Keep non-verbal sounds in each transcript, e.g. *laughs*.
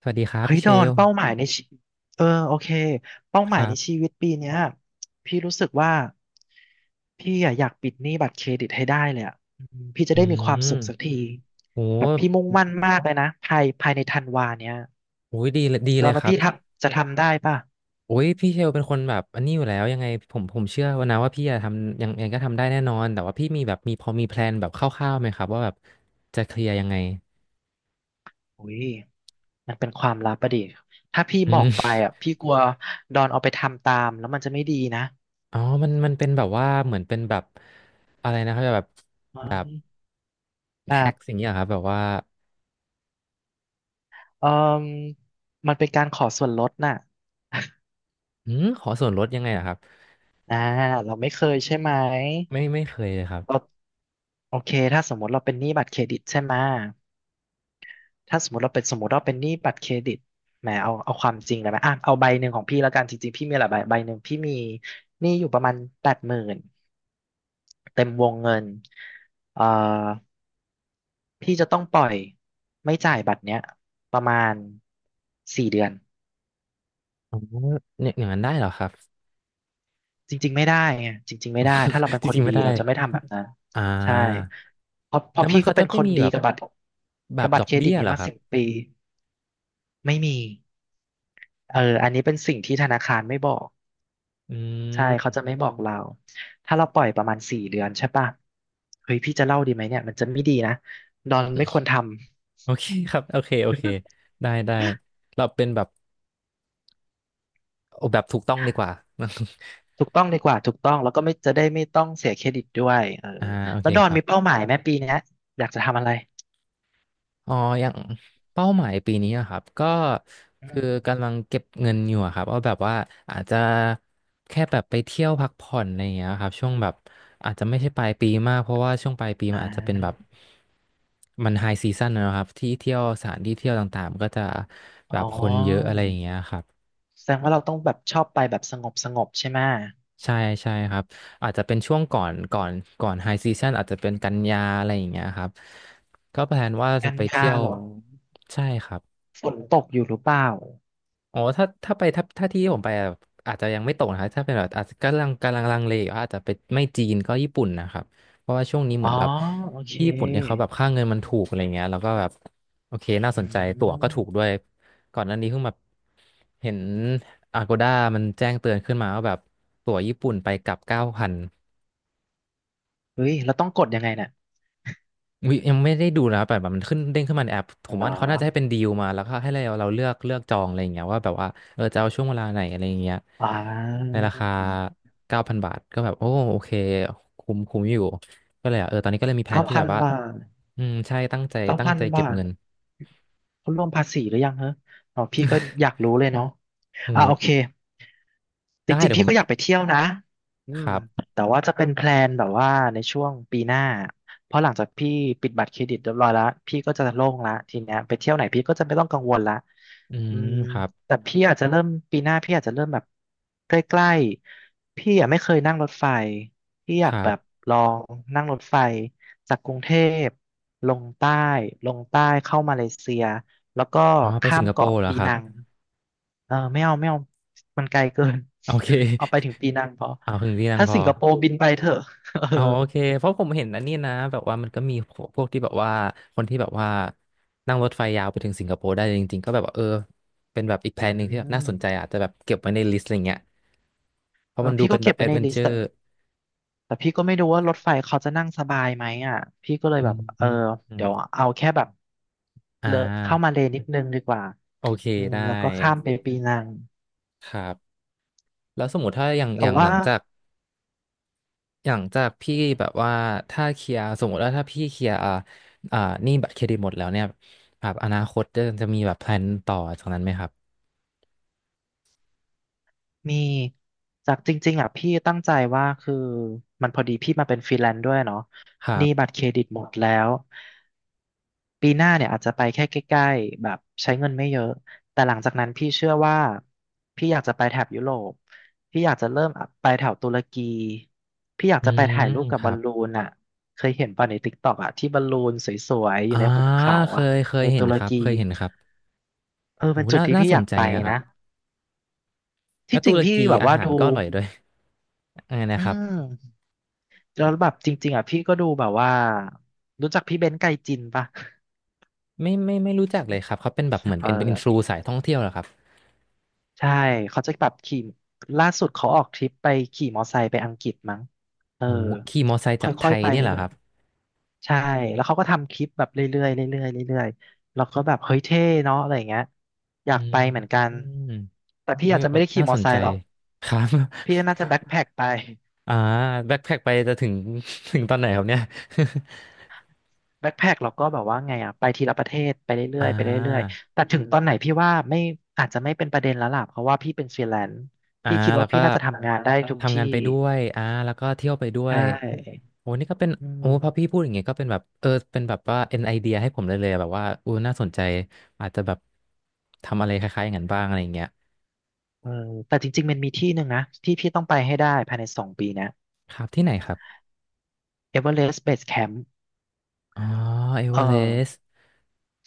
สวัสดีครับเฮ้ยพี่เชดอนลเป้าหมายในชีเออโอเคเป้าหคมายรัในชีบวิตปีเนี้ยพี่รู้สึกว่าพี่อะอยากปิดหนี้บัตรเครดิตให้ได้เลยอ่ะอืมพี่จะอืได้มีความสุขสักมทีแบบโหพี่มุ่งมั่นมากเลยนะภายในธันวาเนี้ยโอ้ยดีเลยดีดเลอนยคว่ารัพี่บทับจะทำได้ป่ะโอ้ยพี่เชลเป็นคนแบบอันนี้อยู่แล้วยังไงผมเชื่อว่านะว่าพี่จะทำยังไงก็ทำได้แน่นอนแต่ว่าพี่มีแบบมีพอมีแพลนแบบคร่าวๆไหมครับว่าแบบจะเคลียร์ยังไงอุ้ยมันเป็นความลับอะดิถ้าพี่อืบอกไปมอ่ะพี่กลัวดอนเอาไปทำตามแล้วมันจะไม่ดีนะอ๋อมันเป็นแบบว่าเหมือนเป็นแบบอะไรนะครับแบบแบแฮ็บกสิ่างเงี้ยเหรอครับแบบว่าเออมมันเป็นการขอส่วนลดน่ะ *laughs* อืมขอส่วนลดยังไงเหรอครับอ่าเราไม่เคยใช่ไหมไม่เคยเลยครับเราโอเคถ้าสมมติเราเป็นหนี้บัตรเครดิตใช่ไหม ถ้าสมมติเราเป็นสมมติเราเป็นหนี้บัตรเครดิตแหมเอาความจริงเลยไหมอ่ะเอาใบหนึ่งของพี่แล้วกันจริงๆพี่มีหลายใบใบหนึ่งพี่มีหนี้อยู่ประมาณ80,000เต็มวงเงินเอ่อพี่จะต้องปล่อยไม่จ่ายบัตรเนี้ยประมาณสี่เดือน อ๋อเนี่ยอย่างนั้นได้เหรอครับ จริงๆไม่ได้ไงจริงๆไม่ได้ถ้าเราเป็น *laughs* จคนริงๆดีไม่ได้เราจะไม่ทำแบบนั้นอ่ใช่า เพราะเพแล้ราะวมัพี่นก็เขาเป็จะนคไม่นมีดีแบบกับบัตรแบกับบบัดตอรกเครดิเบี้ตยเหนี้รอมาครับ สิบปีไม่มีเอออันนี้เป็นสิ่งที่ธนาคารไม่บอกอืใช่เขาม จะไม่บอกเราถ้าเราปล่อยประมาณสี่เดือนใช่ป่ะเฮ้ยพี่จะเล่าดีไหมเนี่ยมันจะไม่ดีนะดอนไม่ควรทำโอเค *laughs* ครับ โอเค โอเค ได้ ได้ เราเป็นแบบเอาแบบถูกต้องดีกว่า ถูกต้องดีกว่าถูกต้องแล้วก็ไม่จะได้ไม่ต้องเสียเครดิตด้วยเออ *laughs* อ่า โอแล้เควดอคนรับ มีเป้าหมายไหมปีเนี้ยอยากจะทำอะไรอ๋ออย่างเป้าหมายปีนี้อะครับ ก็อืคือมกำลังเก็บเงินอยู่อะครับวอาแบบว่าอาจจะแค่แบบไปเที่ยวพักผ่อนอะไรอย่างเงี้ยครับช่วงแบบอาจจะไม่ใช่ปลายปีมากเพราะว่าช่วงปลายปีมัอ่านอาจจะเป็นแบบมันไฮซีซั่นนะครับที่เที่ยวสถานที่เที่ยวต่างๆมันก็จะแบอ๋บอ คนเยอะอะไรอย่างเงี้ยครับแสดงว่าเราต้องแบบชอบไปแบบสงบสงบใช่ไหมใช่ใช่ครับอาจจะเป็นช่วงก่อนไฮซีซันอาจจะเป็นกันยาอะไรอย่างเงี้ยครับก็แพลนว่าจะกันไปยาเที่ยวเหรอใช่ครับ ฝนตกอยู่หรือเปล่าอ๋อถ้าที่ผมไปอะอาจจะยังไม่ตกนะครับถ้าเป็นแบบอาจจะกำลังลังเลอยู่ว่าอาจจะไปไม่จีนก็ญี่ปุ่นนะครับเพราะว่าช่วงนี้เหอ๋มืออนแบบโอเคญี่ปุ่นเนี่ยเขาแบบค่าเงินมันถูกอะไรเงี้ยแล้วก็แบบโอเคน่าอืสนใจตั๋วก็ถูมกด้วยก่อนหน้านี้เพิ่งแบบเห็น Agoda มันแจ้งเตือนขึ้นมาว่าแบบตั๋วญี่ปุ่นไปกลับเก้าพัน เฮ้ยเราต้องกดยังไงเนี่ยอุ๊ยยังไม่ได้ดูนะแต่แบบมันขึ้นเด้งขึ้นมาในแอปผมเหรว่าอเขาน่าจะให้เป็นดีลมาแล้วก็ให้เราเลือกจองอะไรอย่างเงี้ยว่าแบบว่าเออจะเอาช่วงเวลาไหนอะไรอย่างเงี้ยอ่ในาราคา9,000 บาทก็แบบโอ้โอเคคุ้มคุ้มอยู่ก็เลยอ่ะเออตอนนี้ก็เลยมีแผนเก้าที่พัแบนบว่าบาทอืมใช่ตั้งใจเก้าตั้งพันใจเก็บาบท เงิน เขารวมภาษีหรือยังฮะอ๋อพี่ก็อยาก *laughs* รู้เลยเนาะโอ้อ่าโหโอเคจได้ริงเดี๋ๆยวพี่ผมก็อยากไปเที่ยวนะอืคมรับแต่ว่าจะเป็นแพลนแบบว่าในช่วงปีหน้าเพราะหลังจากพี่ปิดบัตรเครดิตเรียบร้อยแล้วพี่ก็จะโล่งละทีเนี้ยไปเที่ยวไหนพี่ก็จะไม่ต้องกังวลละอือืมมครับแต่พี่อาจจะเริ่มปีหน้าพี่อาจจะเริ่มแบบใกล้ๆพี่อ่ะไม่เคยนั่งรถไฟพี่อคยากรัแบบบลองนั่งรถไฟจากกรุงเทพลงใต้ลงใต้เข้ามาเลเซีย แล้วก็อ๋อไปข้าสิมงคโปเกาะร์เหรอปีครับนังเออไม่เอาไม่เอามันไกลเกิน โอเค *laughs* เอาไปถึงปีนังพอ *laughs* เอาถึงที่นั่งถ้าพอ สิงคโปร์บินไปเถอะ *laughs* เอออ๋อโอเคเพราะผมเห็นอันนี้นะแบบว่ามันก็มีพวกที่แบบว่าคนที่แบบว่านั่งรถไฟยาวไปถึงสิงคโปร์ได้จริงๆก็แบบว่าเออเป็นแบบอีกแพอืลนหนึ่งที่แบบน่าสนใจมอาจจะแบบเก็บไว้ในลิสต์อะไรเงี้ยเพเอราะมัอนดูพี่เป็ก็นแบเก็บบแอไว้ดในเวนลิเจสอต์แต่ร์แต่พี่ก็ไม่รู้ว่ารถไฟเขาจะนั่งสบายไหมอ่ะพี่ก็เลยอืแบบมเออือมอืมเดี๋ยวเอาแค่แบบอ่เลอะเข้ามาาเลนิดนึงดีกว่าโอเคอืมได้แล้วก็ข้ามไปปีนังครับแล้วสมมติถ้าอย่างแต่อย่างว่าหลังจากอย่างจากพี่อืม แบบว่าถ้าเคลียร์สมมติว่าถ้าพี่เคลียร์อ่าอ่าหนี้บัตรเครดิตหมดแล้วเนี่ยแบบอนาคตจะมีแบบแพลนต่อจากนั้นไหมครับมีจากจริงๆอ่ะพี่ตั้งใจว่าคือมันพอดีพี่มาเป็นฟรีแลนซ์ด้วยเนาะครัหนี้บัตรบ เครดิตหมดแล้วปีหน้าเนี่ยอาจจะไปแค่ใกล้ๆแบบใช้เงินไม่เยอะแต่หลังจากนั้นพี่เชื่อว่าพี่อยากจะไปแถบยุโรปพี่อยากจะเริ่มไปแถวตุรกีพี่อยากอืจะไปมถ่ายรูปกัคบบรัอลบลูนอ่ะเคยเห็นป่ะในติ๊กต็อกอ่ะที่บอลลูนสวยๆอยู่อ่าในหุบเขาเคอ่ะยเคยในเห็ตุนรครับกีเคยเห็นครับเออโหเป็นจุดน่าที่น่าพี่สอนยากใจไปนะครับนะแล้วที่จตุริงรพี่กีแบบอาว่าหารดูก็อร่อยด้วย *laughs* อะไรนะอืครับม แล้วแบบจริงๆอ่ะพี่ก็ดูแบบว่ารู้จักพี่เบนซ์ไกจินปะไม่รู้จักเลยครับเขาเป็นแบบเหมือนเอเป็นอินฟลูอสายท่องเที่ยวเหรอครับใช่เขาจะแบบขี่ล่าสุดเขาออกทริปไปขี่มอไซค์ไปอังกฤษมั้งเออโหขี่มอไซค์คจากไท่อยยๆไปเนี่ยเหรอเรื่คอยรับๆใช่แล้วเขาก็ทำคลิปแบบเรื่อยๆเรื่อยๆเรื่อยๆแล้วก็แบบเฮ้ยเท่เนาะอะไรอย่างเงี้ยอยาอกไปเหมือนืกันมแต่พี่อุ้ยอาจจะไม่ได้ขี่น่ามสอนไซใจค์หรอกครับ พี่น่า *laughs* จะแบ็คแพ็คไป อ่าแบ็คแพ็คไปจะถึง *laughs* ถึงตอนไหนครับเนี่ย *laughs* แบ็คแพ็คเราก็แบบว่าไงอ่ะไปทีละประเทศไปเรื่อ่อยๆไปเรื่อยา ๆแต่ถึงตอนไหนพี่ว่าไม่อาจจะไม่เป็นประเด็นแล้วล่ะเพราะว่าพี่เป็นฟรีแลนซ์อ่าพี่คิดแล้ว่าวก็พี่น่าจะทำงานได้ทุกทำที่งานไปด้วยอ่าแล้วก็เที่ยวไปด้วใชย่โอ้นี่ก็เป็นอืมโอ้พอพี่พูดอย่างเงี้ยก็เป็นแบบเออเป็นแบบว่าเป็นไอเดียให้ผมเลยอะแบบว่าอู้น่าสนใจอาจจะแบบทำอะไรคล้ายๆอย่างนั้นบ้างอะไรอย่างเงี้ยเออแต่จริงๆมันมีที่หนึ่งนะที่พี่ต้องไปให้ได้ภายใน2 ปีนะครับที่ไหนครับเอเวอเรสต์เบสแคมป์อ๋อเอเอเวอเรอ สต์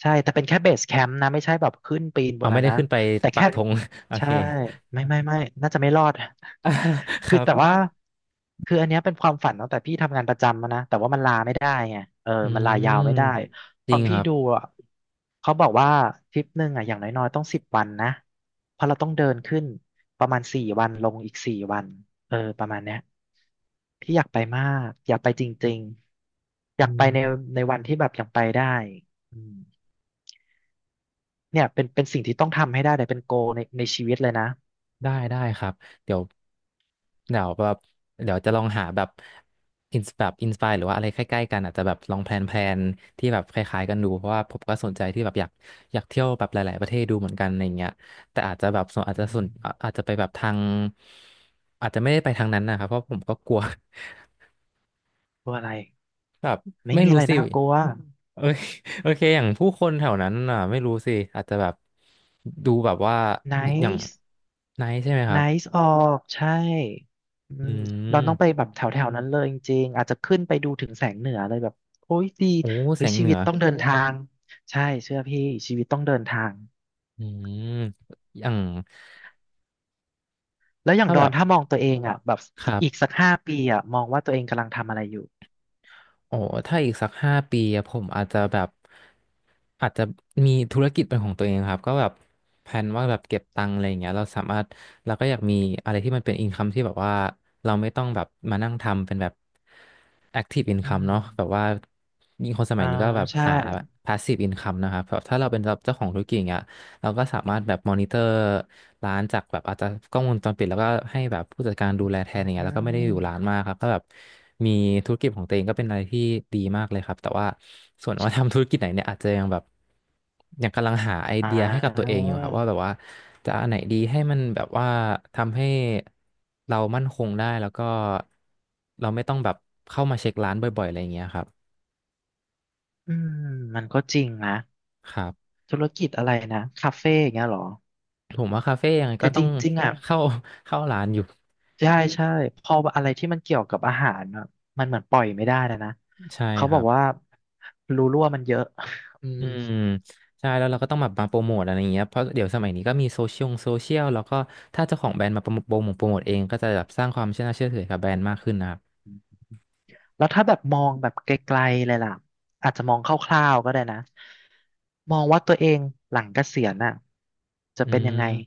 ใช่ แต่เป็นแค่เบสแคมป์นะไม่ใช่แบบขึ้นปีนบเอานไม่นั้นได้นะขึ้นไปแต่ปัแค่กธง *laughs* โอใช่เค ไม่ไม่ไม่น่าจะไม่รอด *laughs* *laughs* คคือรับแต่ว่าคืออันเนี้ยเป็นความฝันตั้งแต่พี่ทำงานประจำมานะแต่ว่ามันลาไม่ได้ไงเอออืมันลายามวไม่ได้พจอริงคพี่รับดูอ่ะเขาบอกว่าทริปหนึ่งอ่ะอย่างน้อยๆต้อง10 วันนะเพราะเราต้องเดินขึ้นประมาณสี่วันลงอีกสี่วันเออประมาณเนี้ยพี่อยากไปมากอยากไปจริงๆ อยากอืไปในม ในวันที่แบบยังไปได้อืม เนี่ยเป็นเป็นสิ่งที่ต้องทำให้ได้เลยเป็นโกในในชีวิตเลยนะได้ได้ครับเดี๋ยวเดี๋ยวแบบเดี๋ยวจะลองหาแบบอินสปายหรือว่าอะไรใกล้ๆกันอาจจะแบบลองแพลนแพลนที่แบบคล้ายๆกันดูเพราะว่าผมก็สนใจที่แบบอยากเที่ยวแบบหลายๆประเทศดูเหมือนกันอะไรเงี้ยแต่อาจจะแบบส่วนอาจอืจะส่วนอามอาจจะไปแบบทางอาจจะไม่ได้ไปทางนั้นนะครับเพราะผมก็กลัว กลัวอะไร *laughs* แบบไม่ไม่มีอะรู้ไรสิน่ากลัว เอ้ย *laughs* โอเคอย่างผู้คนแถวนั้นอ่ะไม่รู้สิอาจจะแบบดูแบบว่าอย่าง nice ไนท์ใช่ไหมครับ nice ออกใช่อือืมเรามต้องไปแบบแถวแถวนั้นเลยจริงๆอาจจะขึ้นไปดูถึงแสงเหนือเลยแบบโอ้ยดีโอ้แสเฮ้ยงชีเหนืวิตอ ต้องเดินทางใช่เชื่อพี่ชีวิตต้องเดินทางอืมอย่างแล้วอย่างถ้าดแบอนบถ้ามองตัวเองอ่ะแบบครัอีกบสัก5 ปีอ่ะมองว่าตัวเองกำลังทำอะไรอยู่โอ้ถ้าอีกสัก5 ปีอะผมอาจจะแบบอาจจะมีธุรกิจเป็นของตัวเองครับก็แบบแผนว่าแบบเก็บตังค์อะไรอย่างเงี้ยเราสามารถเราก็อยากมีอะไรที่มันเป็นอินคัมที่แบบว่าเราไม่ต้องแบบมานั่งทำเป็นแบบแอคทีฟอินอืคัมเนาะแบบมว่ายิ่งคนสมัอ่ายนี้ก็แบบใช่หาพาสซีฟอินคัมนะครับแบบถ้าเราเป็นเจ้าของธุรกิจอย่างเงี้ย เราก็สามารถแบบมอนิเตอร์ร้านจากแบบอาจจะกล้องวงจรปิดแล้วก็ให้แบบผู้จัดการดูแลแทอืนอย่างเงี้ยแล้วก็ไม่ได้อยู่ร้านมมากครับก็แบบมีธุรกิจของตัวเองก็เป็นอะไรที่ดีมากเลยครับแต่ว่าส่วนว่าทำธุรกิจไหนเนี่ยอาจจะยังแบบยังกำลังหาไออ่เดียให้กับตัวเอา งอยู่ครับว่าแบบว่าจะอันไหนดีให้มันแบบว่าทำให้เรามั่นคงได้แล้วก็เราไม่ต้องแบบเข้ามาเช็คร้านบ่อยๆอะไรอย่างเงี้ยครับอืมมันก็จริงนะครับธุรกิจอะไรนะคาเฟ่อย่างเงี้ยเหรอผมว่าคาเฟ่ยังไงแต่ก็จต้องริงๆอ่ะเข้าเข้าร้านอยู่ใช่ใช่พออะไรที่มันเกี่ยวกับอาหารอ่ะมันเหมือนปล่อยไม่ได้นะนะใช่เขาคบรัอกบ ว่ารูรั่วมันเยอะ *laughs* อืมอืมใช่แล้วเราก็ต้องแบบมาโปรโมทอะไรอย่างเงี้ยเพราะเดี๋ยวสมัยนี้ก็มีโซเชียลแล้วก็ถ้าเจ้าของแบรนด์มาโปรโมทโปรโมทโปรโมทเองก็จะแบบสร้างความเชื่อน่าเชื่อถือกับแบรนด์มากขึ้นนะครับแล้วถ้าแบบมองแบบไกลๆเลยล่ะอาจจะมองคร่าวๆก็ได้นะมองว่าตัวเองหลังเกษียณอ่ะจะอืเป็นยังไงม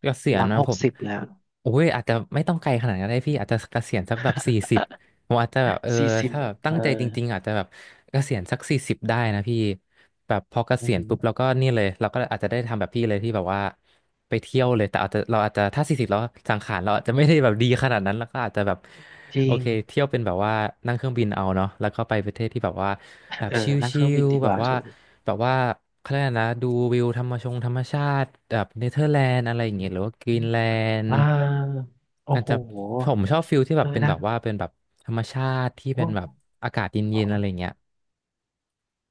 เกษียหณลังนะหผกมสิบแล้ว โอ้ยอาจจะไม่ต้องไกลขนาดนั้นก็ได้พี่อาจจะเกษียณสักแบบสี่สิบ ผมอาจจะแบบเออ *laughs* 40ถ้าแบบตั้เองอใจจริงๆอาจจะแบบเกษียณสักสี่สิบได้นะพี่แบบพอเกอืษีอยณหือปุ๊บเราก็นี่เลยเราก็อาจจะได้ทำแบบพี่เลยที่แบบว่าไปเที่ยวเลยแต่อาจจะเราอาจจะถ้าสี่สิบแล้วสังขารเราอาจจะไม่ได้แบบดีขนาดนั้นแล้วก็อาจจะแบบจโอริงเคเที่ยวเป็นแบบว่านั่งเครื่องบินเอาเนาะแล้วก็ไปประเทศที่แบบว่าแบบเออชนั่งเคิรื่องบินลดีๆกแบบว่าว่าถูก แบบว่าเขาเรียกอะไรนะดูวิวธรรมชงธรรมชาติแบบเนเธอร์แลนด์อะไรอย่างเงี้ยหรือว่ากรีนแลนด์ อ่าโอ้อาจโหจะผมชอบฟิลที่แบเอบอเป็นนะแบบว่าเป็นแบบธรรมชาติที่เป็ก็นแบบอากาศเอ๋ย็นๆอะไรอเงี้ย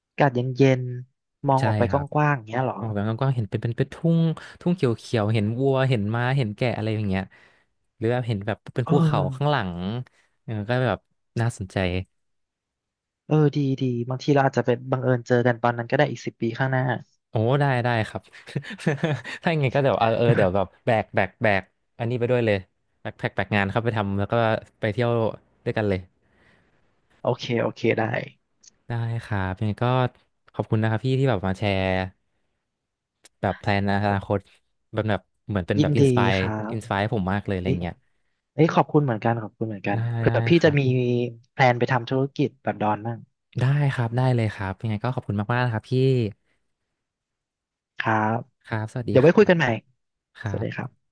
อากาศเย็นๆมองใช่ออกไปคกรับว้างๆอย่างเงี้ยเหรอมองไปกว้างๆเห็นเป็นทุ่งทุ่งเขียวๆเห็นวัวเห็นม้าเห็นแกะอะไรอย่างเงี้ยหรือแบบเห็นแบบเป็นเอภูเขาอข้างหลังเออก็แบบน่าสนใจเออดีดีบางทีเราอาจจะเป็นบังเอิญเจอกันตอนนั้นก็ได้อีกสิบปีข้างหน้า โอ้ได้ได้ครับ *laughs* ถ้าอย่างไงก็เดี๋ยวเออเดี๋ยวแบบ *laughs* แบกอันนี้ไปด้วยเลยแบกแพ็คแบกงานเข้าไปทำแล้วก็ไปเที่ยวด้วยกันเลย โอเคโอเคได้ได้ครับยังไงก็ขอบคุณนะครับพี่ที่แบบมาแชร์แบบแพลนอนาคตแบบเหมือนเป็นยิแบนบอินดีสปายครับอินสปายผมมากเลยอะไรเอ้ยเงี้ยเอ้ยขอบคุณเหมือนกันขอบคุณเหมือนกันได้เผื่ได้อพี่คจะรัมีบแพลนไปทำธุรกิจแบบดอนบ้างได้ครับได้เลยครับยังไงก็ขอบคุณมากๆนะครับพี่ ครับครับสวัสดีเดี๋ยวคไว้คุรัยบกันใหม่คสรัวัสดีครับบ